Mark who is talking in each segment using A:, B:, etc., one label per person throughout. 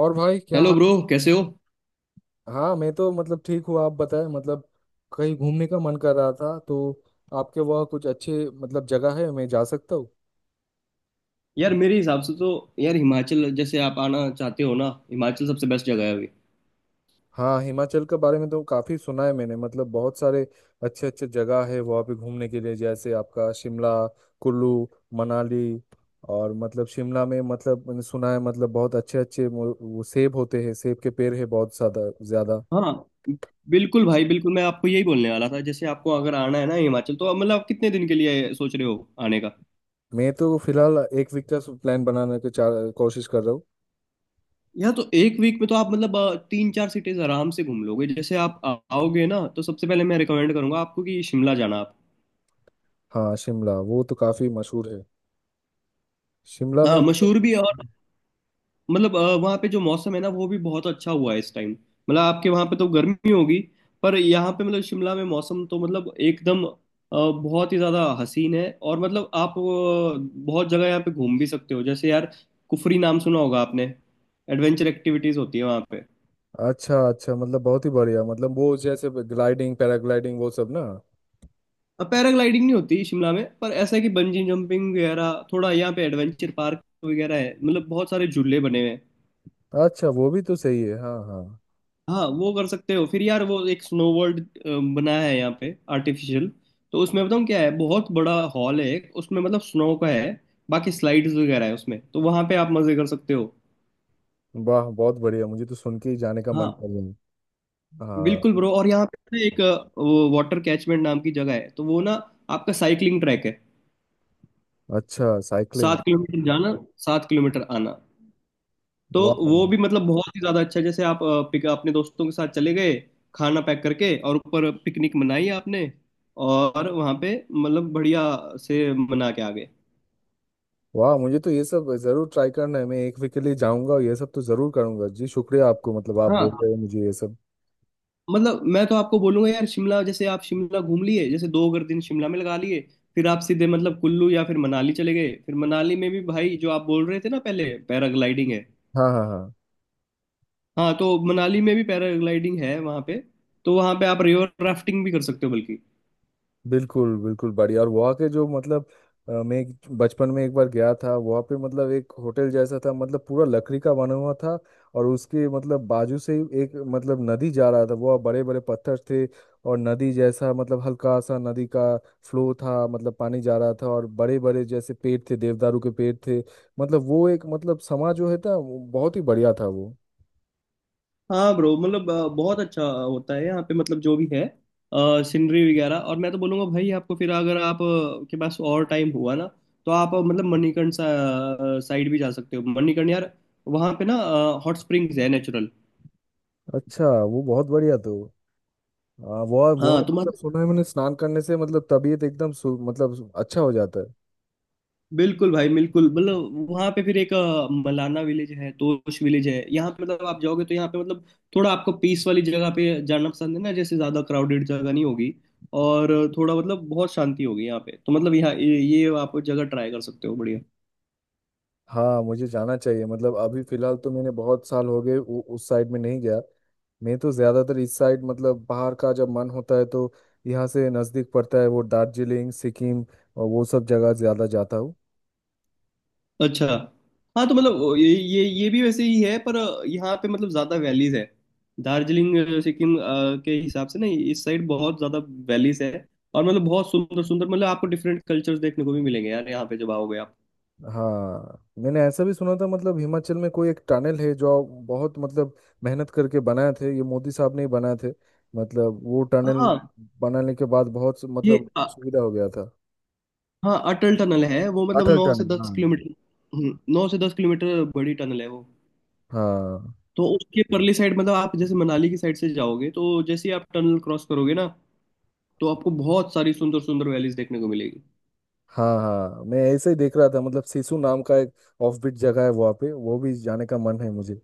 A: और भाई क्या
B: हेलो ब्रो, कैसे हो?
A: हाँ, मैं तो मतलब ठीक हूँ। आप बताएं, मतलब कहीं घूमने का मन कर रहा था, तो आपके वहाँ कुछ अच्छे मतलब जगह है मैं जा सकता हूँ?
B: यार, मेरे हिसाब से तो। यार, हिमाचल जैसे आप आना चाहते हो ना, हिमाचल सबसे बेस्ट जगह है अभी।
A: हाँ, हिमाचल के बारे में तो काफ़ी सुना है मैंने, मतलब बहुत सारे अच्छे अच्छे जगह है वहाँ पे घूमने के लिए, जैसे आपका शिमला, कुल्लू, मनाली। और मतलब शिमला में मतलब मैंने सुना है मतलब बहुत अच्छे अच्छे वो सेब होते हैं, सेब के पेड़ है बहुत ज़्यादा ज़्यादा।
B: हाँ, बिल्कुल भाई बिल्कुल, मैं आपको यही बोलने वाला था। जैसे आपको अगर आना है ना हिमाचल, तो आप मतलब कितने दिन के लिए सोच रहे हो आने का?
A: मैं तो फिलहाल एक वीक का प्लान बनाने की कोशिश कर रहा हूँ।
B: या तो एक वीक में तो आप मतलब तीन चार सिटीज आराम से घूम लोगे। जैसे आप आओगे ना, तो सबसे पहले मैं रिकमेंड करूंगा आपको कि शिमला जाना आप।
A: हाँ, शिमला वो तो काफी मशहूर है। शिमला में
B: हाँ,
A: मतलब
B: मशहूर भी है। और मतलब वहाँ पे जो मौसम है ना, वो भी बहुत अच्छा हुआ है इस टाइम, मतलब आपके वहाँ पे तो गर्मी होगी। पर यहाँ पे मतलब शिमला में मौसम तो मतलब एकदम बहुत ही ज़्यादा हसीन है। और मतलब आप बहुत जगह यहाँ पे घूम भी सकते हो, जैसे यार कुफरी नाम सुना होगा आपने? एडवेंचर एक्टिविटीज़ होती है वहाँ पे।
A: अच्छा अच्छा, मतलब बहुत ही बढ़िया, मतलब वो जैसे ग्लाइडिंग, पैराग्लाइडिंग, वो सब ना?
B: पैराग्लाइडिंग नहीं होती शिमला में, पर ऐसा है कि बंजी जंपिंग वगैरह थोड़ा यहाँ पे एडवेंचर पार्क वगैरह है, मतलब बहुत सारे झूले बने हुए हैं।
A: अच्छा, वो भी तो सही है, हाँ हाँ।
B: हाँ, वो कर सकते हो। फिर यार, वो एक स्नो वर्ल्ड बना है यहाँ पे, आर्टिफिशियल। तो उसमें बताऊँ क्या है, बहुत बड़ा हॉल है एक उसमें, मतलब स्नो का है। बाकी स्लाइड्स वगैरह है उसमें, तो वहाँ पे आप मजे कर सकते हो।
A: वाह बहुत बढ़िया, मुझे तो सुन के ही जाने का मन
B: हाँ,
A: कर रहा है। हाँ।
B: बिल्कुल ब्रो। और यहाँ पे ना एक वो वाटर कैचमेंट नाम की जगह है, तो वो ना आपका साइकिलिंग ट्रैक है।
A: अच्छा, साइकिलिंग।
B: 7 किलोमीटर जाना, 7 किलोमीटर आना। तो
A: वाह।
B: वो भी मतलब बहुत ही ज्यादा अच्छा है। जैसे आप पिक अपने दोस्तों के साथ चले गए, खाना पैक करके, और ऊपर पिकनिक मनाई आपने, और वहां पे मतलब बढ़िया से मना के आ गए।
A: वाह मुझे तो ये सब जरूर ट्राई करना है, मैं एक वीक के लिए जाऊंगा और ये सब तो जरूर करूंगा। जी, शुक्रिया आपको, मतलब आप बोल
B: हाँ,
A: रहे हैं मुझे ये सब।
B: मतलब मैं तो आपको बोलूंगा यार, शिमला, जैसे आप शिमला घूम लिए, जैसे दो अगर दिन शिमला में लगा लिए, फिर आप सीधे मतलब कुल्लू या फिर मनाली चले गए। फिर मनाली में भी, भाई, जो आप बोल रहे थे ना पहले, पैराग्लाइडिंग है।
A: हाँ हाँ हाँ।
B: हाँ, तो मनाली में भी पैराग्लाइडिंग है वहां पे, तो वहां पे आप रिवर राफ्टिंग भी कर सकते हो बल्कि।
A: बिल्कुल बिल्कुल बढ़िया। और वहाँ के जो मतलब मैं बचपन में एक बार गया था वहाँ पे, मतलब एक होटल जैसा था, मतलब पूरा लकड़ी का बना हुआ था। और उसके मतलब बाजू से ही एक मतलब नदी जा रहा था, वह बड़े बड़े पत्थर थे। और नदी जैसा मतलब हल्का सा नदी का फ्लो था, मतलब पानी जा रहा था, और बड़े बड़े जैसे पेड़ थे, देवदारू के पेड़ थे। मतलब वो एक मतलब समा जो है था वो बहुत ही बढ़िया था वो।
B: हाँ ब्रो, मतलब बहुत अच्छा होता है यहाँ पे, मतलब जो भी है, सीनरी वगैरह। और मैं तो बोलूँगा भाई आपको, फिर अगर आप के पास और टाइम हुआ ना, तो आप मतलब मणिकर्ण साइड भी जा सकते हो। मणिकर्ण यार, वहाँ पे ना हॉट स्प्रिंग्स है, नेचुरल।
A: अच्छा, वो बहुत बढ़िया तो। हाँ, वो
B: हाँ
A: मतलब
B: तुम्हारा।
A: सुना है मैंने, स्नान करने से मतलब तबीयत एकदम मतलब अच्छा हो जाता है।
B: बिल्कुल भाई बिल्कुल, मतलब वहाँ पे फिर एक मलाना विलेज है, तोश विलेज है यहाँ पे। मतलब आप जाओगे, तो यहाँ पे मतलब थोड़ा आपको पीस वाली जगह पे जाना पसंद है ना, जैसे ज्यादा क्राउडेड जगह नहीं होगी, और थोड़ा मतलब बहुत शांति होगी यहाँ पे, तो मतलब यहाँ ये आप जगह ट्राई कर सकते हो बढ़िया।
A: हाँ मुझे जाना चाहिए, मतलब अभी फिलहाल तो मैंने बहुत साल हो गए उस साइड में नहीं गया। मैं तो ज्यादातर इस साइड, मतलब बाहर का जब मन होता है तो यहाँ से नजदीक पड़ता है वो दार्जिलिंग, सिक्किम, और वो सब जगह ज्यादा जाता हूँ।
B: अच्छा। हाँ, तो मतलब ये भी वैसे ही है, पर यहाँ पे मतलब ज्यादा वैलीज है। दार्जिलिंग सिक्किम के हिसाब से ना, इस साइड बहुत ज्यादा वैलीज है। और मतलब बहुत सुंदर सुंदर, मतलब आपको डिफरेंट कल्चर्स देखने को भी मिलेंगे यार यहाँ पे जब आओगे आप।
A: हाँ मैंने ऐसा भी सुना था, मतलब हिमाचल में कोई एक टनल है जो बहुत मतलब मेहनत करके बनाए थे, ये मोदी साहब ने ही बनाए थे। मतलब वो टनल
B: हाँ,
A: बनाने के बाद बहुत
B: ये
A: मतलब
B: अ-
A: सुविधा हो गया था।
B: हाँ, अटल टनल है वो, मतलब
A: अटल
B: नौ से
A: टनल,
B: दस
A: हाँ।
B: किलोमीटर हम्म। 9 से 10 किलोमीटर बड़ी टनल है वो।
A: हाँ
B: तो उसके परली साइड, मतलब आप जैसे मनाली की साइड से जाओगे, तो जैसे ही आप टनल क्रॉस करोगे ना, तो आपको बहुत सारी सुंदर सुंदर वैलीज देखने को मिलेगी।
A: हाँ। हाँ मैं ऐसे ही देख रहा था, मतलब सिसु नाम का एक ऑफबीट जगह है वहाँ पे, वो भी जाने का मन है मुझे।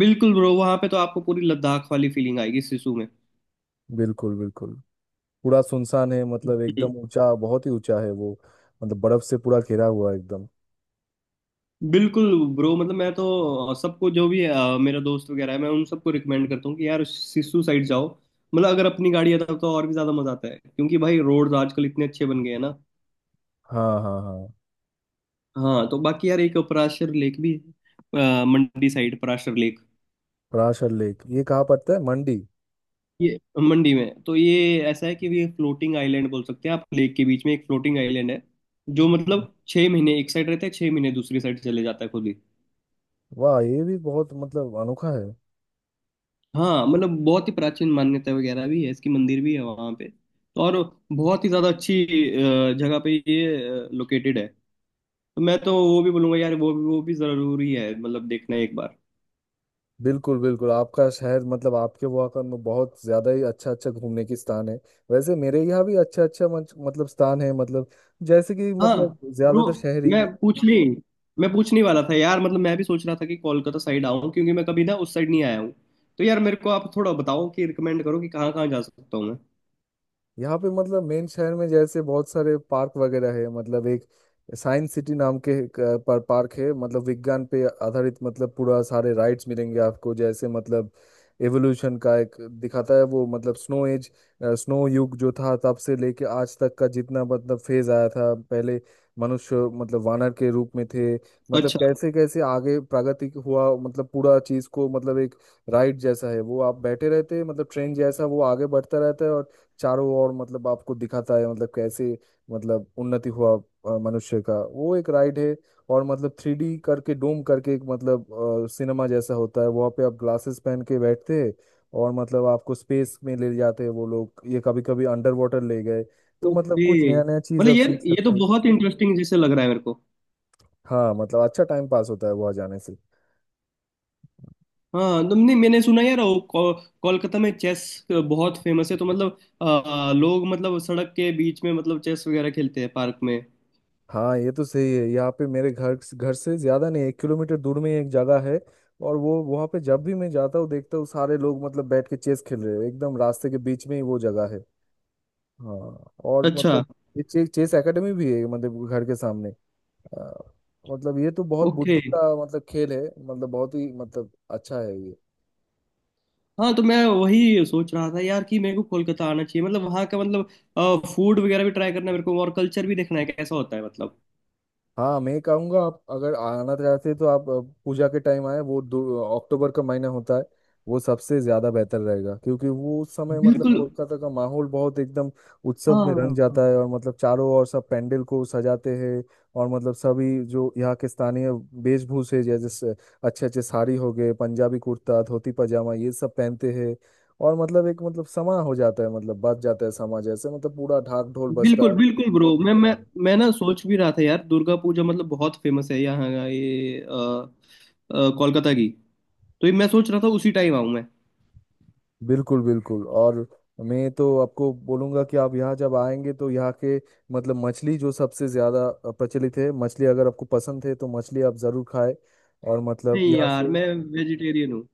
B: बिल्कुल ब्रो, वहां पे तो आपको पूरी लद्दाख वाली फीलिंग आएगी सिसु में।
A: बिल्कुल बिल्कुल। पूरा सुनसान है, मतलब
B: हम्म।
A: एकदम ऊंचा, बहुत ही ऊंचा है वो। मतलब बर्फ से पूरा घिरा हुआ है एकदम।
B: बिल्कुल ब्रो, मतलब मैं तो सबको, जो भी मेरा दोस्त वगैरह है, मैं उन सबको रिकमेंड करता हूँ कि यार सिसु साइड जाओ। मतलब अगर अपनी गाड़ी है तब तो और भी ज्यादा मजा आता है, क्योंकि भाई रोड आजकल इतने अच्छे बन गए हैं ना।
A: हाँ हाँ हाँ।
B: हाँ, तो बाकी यार एक पराशर लेक भी है, मंडी side, Parashar lake.
A: Parashar lake, ये कहाँ पड़ता है, मंडी?
B: ये मंडी में, तो ये ऐसा है कि ये फ्लोटिंग आइलैंड बोल सकते हैं आप, लेक के बीच में एक फ्लोटिंग आइलैंड है, जो मतलब 6 महीने एक साइड रहता है, 6 महीने दूसरी साइड चले जाता है खुद ही।
A: वाह, ये भी बहुत मतलब अनोखा है।
B: हाँ, मतलब बहुत ही प्राचीन मान्यता वगैरह भी है इसकी, मंदिर भी है वहाँ पे, तो और बहुत ही ज़्यादा अच्छी जगह पे ये लोकेटेड है। तो मैं तो वो भी बोलूँगा यार, वो भी ज़रूरी है, मतलब देखना एक बार।
A: बिल्कुल बिल्कुल, आपका शहर, मतलब आपके वहाँ का बहुत ज्यादा ही अच्छा अच्छा घूमने की स्थान है। वैसे मेरे यहाँ भी अच्छा अच्छा मतलब स्थान है, मतलब जैसे कि
B: हाँ
A: मतलब
B: ब्रो,
A: ज्यादातर शहरी।
B: मैं पूछने मैं पूछने वाला था यार, मतलब मैं भी सोच रहा था कि कोलकाता साइड आऊँ, क्योंकि मैं कभी ना उस साइड नहीं आया हूँ। तो यार मेरे को आप थोड़ा बताओ, कि रिकमेंड करो कि कहाँ कहाँ जा सकता हूँ मैं।
A: यहाँ पे मतलब मेन शहर में जैसे बहुत सारे पार्क वगैरह है, मतलब एक साइंस सिटी नाम के एक, पर पार्क है, मतलब विज्ञान पे आधारित, मतलब पूरा सारे राइड्स मिलेंगे आपको, जैसे मतलब एवोल्यूशन का एक दिखाता है वो, मतलब स्नो एज, स्नो युग जो था, तब से लेके आज तक का जितना मतलब फेज आया था। पहले मनुष्य मतलब वानर के रूप में थे, मतलब
B: अच्छा।
A: कैसे कैसे आगे प्रगति हुआ, मतलब पूरा चीज को मतलब एक राइड जैसा है वो, आप बैठे रहते हैं मतलब ट्रेन जैसा, वो आगे बढ़ता रहता है, और चारों ओर मतलब आपको दिखाता है मतलब कैसे, मतलब उन्नति हुआ मनुष्य का, वो एक राइड है। और मतलब 3D करके, डोम करके एक मतलब सिनेमा जैसा होता है, वहाँ पे आप ग्लासेस पहन के बैठते हैं, और मतलब आपको स्पेस में ले जाते हैं वो लोग, ये कभी कभी अंडर वाटर ले गए, तो मतलब
B: ओके।
A: कुछ नया नया चीज
B: मतलब
A: आप
B: यार
A: सीख
B: ये तो
A: सकते हैं।
B: बहुत इंटरेस्टिंग जैसे लग रहा है मेरे को।
A: हाँ, मतलब अच्छा टाइम पास होता है वहाँ जाने से।
B: हाँ, तुमने मैंने सुना यार वो कोलकाता में चेस बहुत फेमस है, तो मतलब लोग, मतलब सड़क के बीच में मतलब चेस वगैरह खेलते हैं पार्क में।
A: हाँ ये तो सही है, यहाँ पे मेरे घर घर से ज्यादा नहीं, एक किलोमीटर दूर में ही एक जगह है, और वो वहाँ पे जब भी मैं जाता हूँ देखता हूँ सारे लोग मतलब बैठ के चेस खेल रहे हैं, एकदम रास्ते के बीच में ही वो जगह है। हाँ। और
B: अच्छा।
A: मतलब ये चेस चेस एकेडमी भी है, मतलब घर के सामने। आ, मतलब ये तो बहुत
B: ओके।
A: बुद्धि का मतलब खेल है, मतलब बहुत ही मतलब अच्छा है ये।
B: हाँ, तो मैं वही सोच रहा था यार कि मेरे को कोलकाता आना चाहिए, मतलब वहाँ का मतलब फूड वगैरह भी ट्राई करना है मेरे को, और कल्चर भी देखना है कैसा होता है मतलब।
A: हाँ मैं कहूँगा, आप अगर आना चाहते हैं तो आप पूजा के टाइम आए, वो अक्टूबर का महीना होता है, वो सबसे ज्यादा बेहतर रहेगा, क्योंकि वो उस समय मतलब
B: बिल्कुल बिल्कुल।
A: कोलकाता का माहौल बहुत एकदम उत्सव में रंग
B: हाँ।
A: जाता है, और मतलब चारों ओर सब पंडाल को सजाते हैं। और मतलब सभी जो यहाँ के स्थानीय वेशभूषे जैसे अच्छे अच्छे साड़ी हो गए, पंजाबी कुर्ता, धोती पजामा, ये सब पहनते हैं। और मतलब एक मतलब समा हो जाता है, मतलब बच जाता है समा जैसे, मतलब पूरा ढाक ढोल बजता
B: बिल्कुल
A: है
B: बिल्कुल ब्रो, मैं मैं
A: एकदम।
B: मैं ना सोच भी रहा था यार, दुर्गा पूजा मतलब बहुत फेमस है यहाँ का ये कोलकाता की। तो ये मैं सोच रहा था उसी टाइम आऊँ मैं।
A: बिल्कुल बिल्कुल। और मैं तो आपको बोलूंगा कि आप यहाँ जब आएंगे तो यहाँ के मतलब मछली जो सबसे ज़्यादा प्रचलित है, मछली अगर आपको पसंद है तो मछली आप ज़रूर खाएं। और मतलब
B: नहीं
A: यहाँ
B: यार,
A: से।
B: मैं वेजिटेरियन हूँ।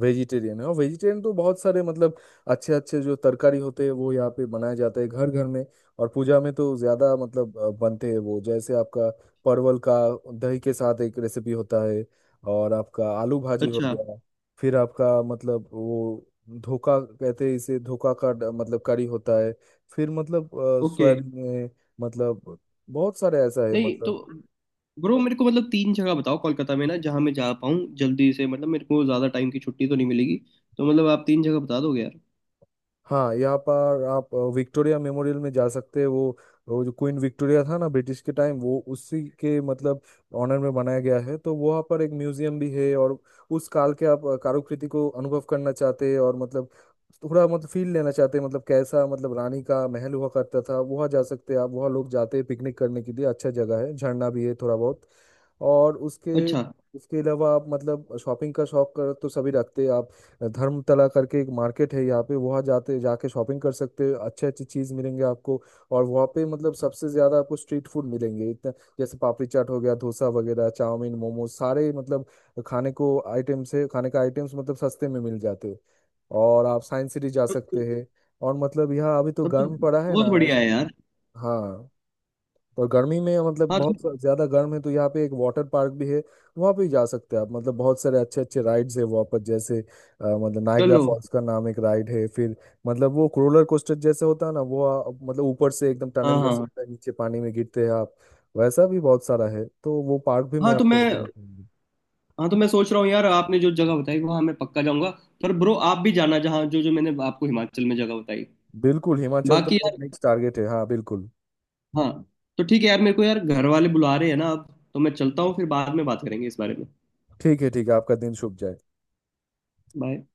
A: वेजिटेरियन है, और वेजिटेरियन तो बहुत सारे मतलब अच्छे अच्छे जो तरकारी होते हैं वो यहाँ पे बनाए जाते हैं घर घर में। और पूजा में तो ज्यादा मतलब बनते हैं, वो जैसे आपका परवल का दही के साथ एक रेसिपी होता है, और आपका आलू भाजी हो
B: अच्छा।
A: गया, फिर आपका मतलब वो, धोखा कहते हैं इसे, धोखा का मतलब करी होता है। फिर मतलब
B: ओके।
A: सोयाबीन में मतलब बहुत सारे ऐसा है
B: नहीं तो,
A: मतलब।
B: ब्रो मेरे को मतलब तीन जगह बताओ कोलकाता में ना, जहाँ मैं जा पाऊँ जल्दी से, मतलब मेरे को ज़्यादा टाइम की छुट्टी तो नहीं मिलेगी। तो मतलब आप तीन जगह बता दोगे यार?
A: हाँ, यहाँ पर आप विक्टोरिया मेमोरियल में जा सकते हैं, वो जो क्वीन विक्टोरिया था ना ब्रिटिश के टाइम, वो उसी के मतलब ऑनर में बनाया गया है। तो वहाँ पर एक म्यूजियम भी है, और उस काल के आप कारुकृति को अनुभव करना चाहते हैं, और मतलब थोड़ा मतलब फील लेना चाहते हैं, मतलब कैसा मतलब रानी का महल हुआ करता था, वहाँ जा सकते हैं आप। वहाँ लोग जाते हैं पिकनिक करने के लिए, अच्छा जगह है, झरना भी है थोड़ा बहुत। और उसके
B: अच्छा।
A: उसके अलावा आप मतलब शॉपिंग का शौक कर तो सभी रखते हैं आप। धर्मतला करके एक मार्केट है यहाँ पे, वहाँ जाते जाके शॉपिंग कर सकते हो, अच्छे अच्छे चीज़ मिलेंगे आपको। और वहाँ पे मतलब सबसे ज़्यादा आपको स्ट्रीट फूड मिलेंगे इतना, जैसे पापड़ी चाट हो गया, डोसा वगैरह, चाउमीन, मोमोज, सारे मतलब खाने को आइटम्स है, खाने का आइटम्स मतलब सस्ते में मिल जाते हैं। और आप साइंस सिटी जा
B: तब
A: सकते
B: तो
A: हैं। और मतलब यहाँ अभी तो
B: तब तो
A: गर्म पड़ा है
B: बहुत
A: ना।
B: बढ़िया है यार।
A: हाँ, और गर्मी में मतलब
B: हाँ तो,
A: बहुत ज्यादा गर्म है, तो यहाँ पे एक वाटर पार्क भी है। वहाँ पे भी जा सकते हैं आप, मतलब बहुत सारे अच्छे अच्छे राइड्स है वहाँ पर, जैसे मतलब नायग्रा
B: चलो,
A: फॉल्स का नाम एक राइड है, फिर मतलब वो रोलर कोस्टर जैसे होता है ना, वो मतलब ऊपर से एकदम टनल
B: हाँ
A: जैसे
B: हाँ।
A: होता है, नीचे पानी में गिरते हैं आप। वैसा भी बहुत सारा है, तो वो पार्क भी मैं
B: हाँ तो
A: आपको
B: मैं
A: रिकमेंड करूंगा।
B: हाँ तो मैं सोच रहा हूँ यार, आपने जो जगह बताई वहाँ मैं पक्का जाऊँगा। पर ब्रो, आप भी जाना जहाँ जो जो मैंने आपको हिमाचल में जगह बताई।
A: बिल्कुल, हिमाचल तो
B: बाकी
A: मेरा
B: यार।
A: नेक्स्ट टारगेट है, हाँ बिल्कुल।
B: हाँ, तो ठीक है यार। मेरे को यार घर वाले बुला रहे हैं ना अब, तो मैं चलता हूँ, फिर बाद में बात करेंगे इस बारे में।
A: ठीक है, ठीक है, आपका दिन शुभ जाए।
B: बाय।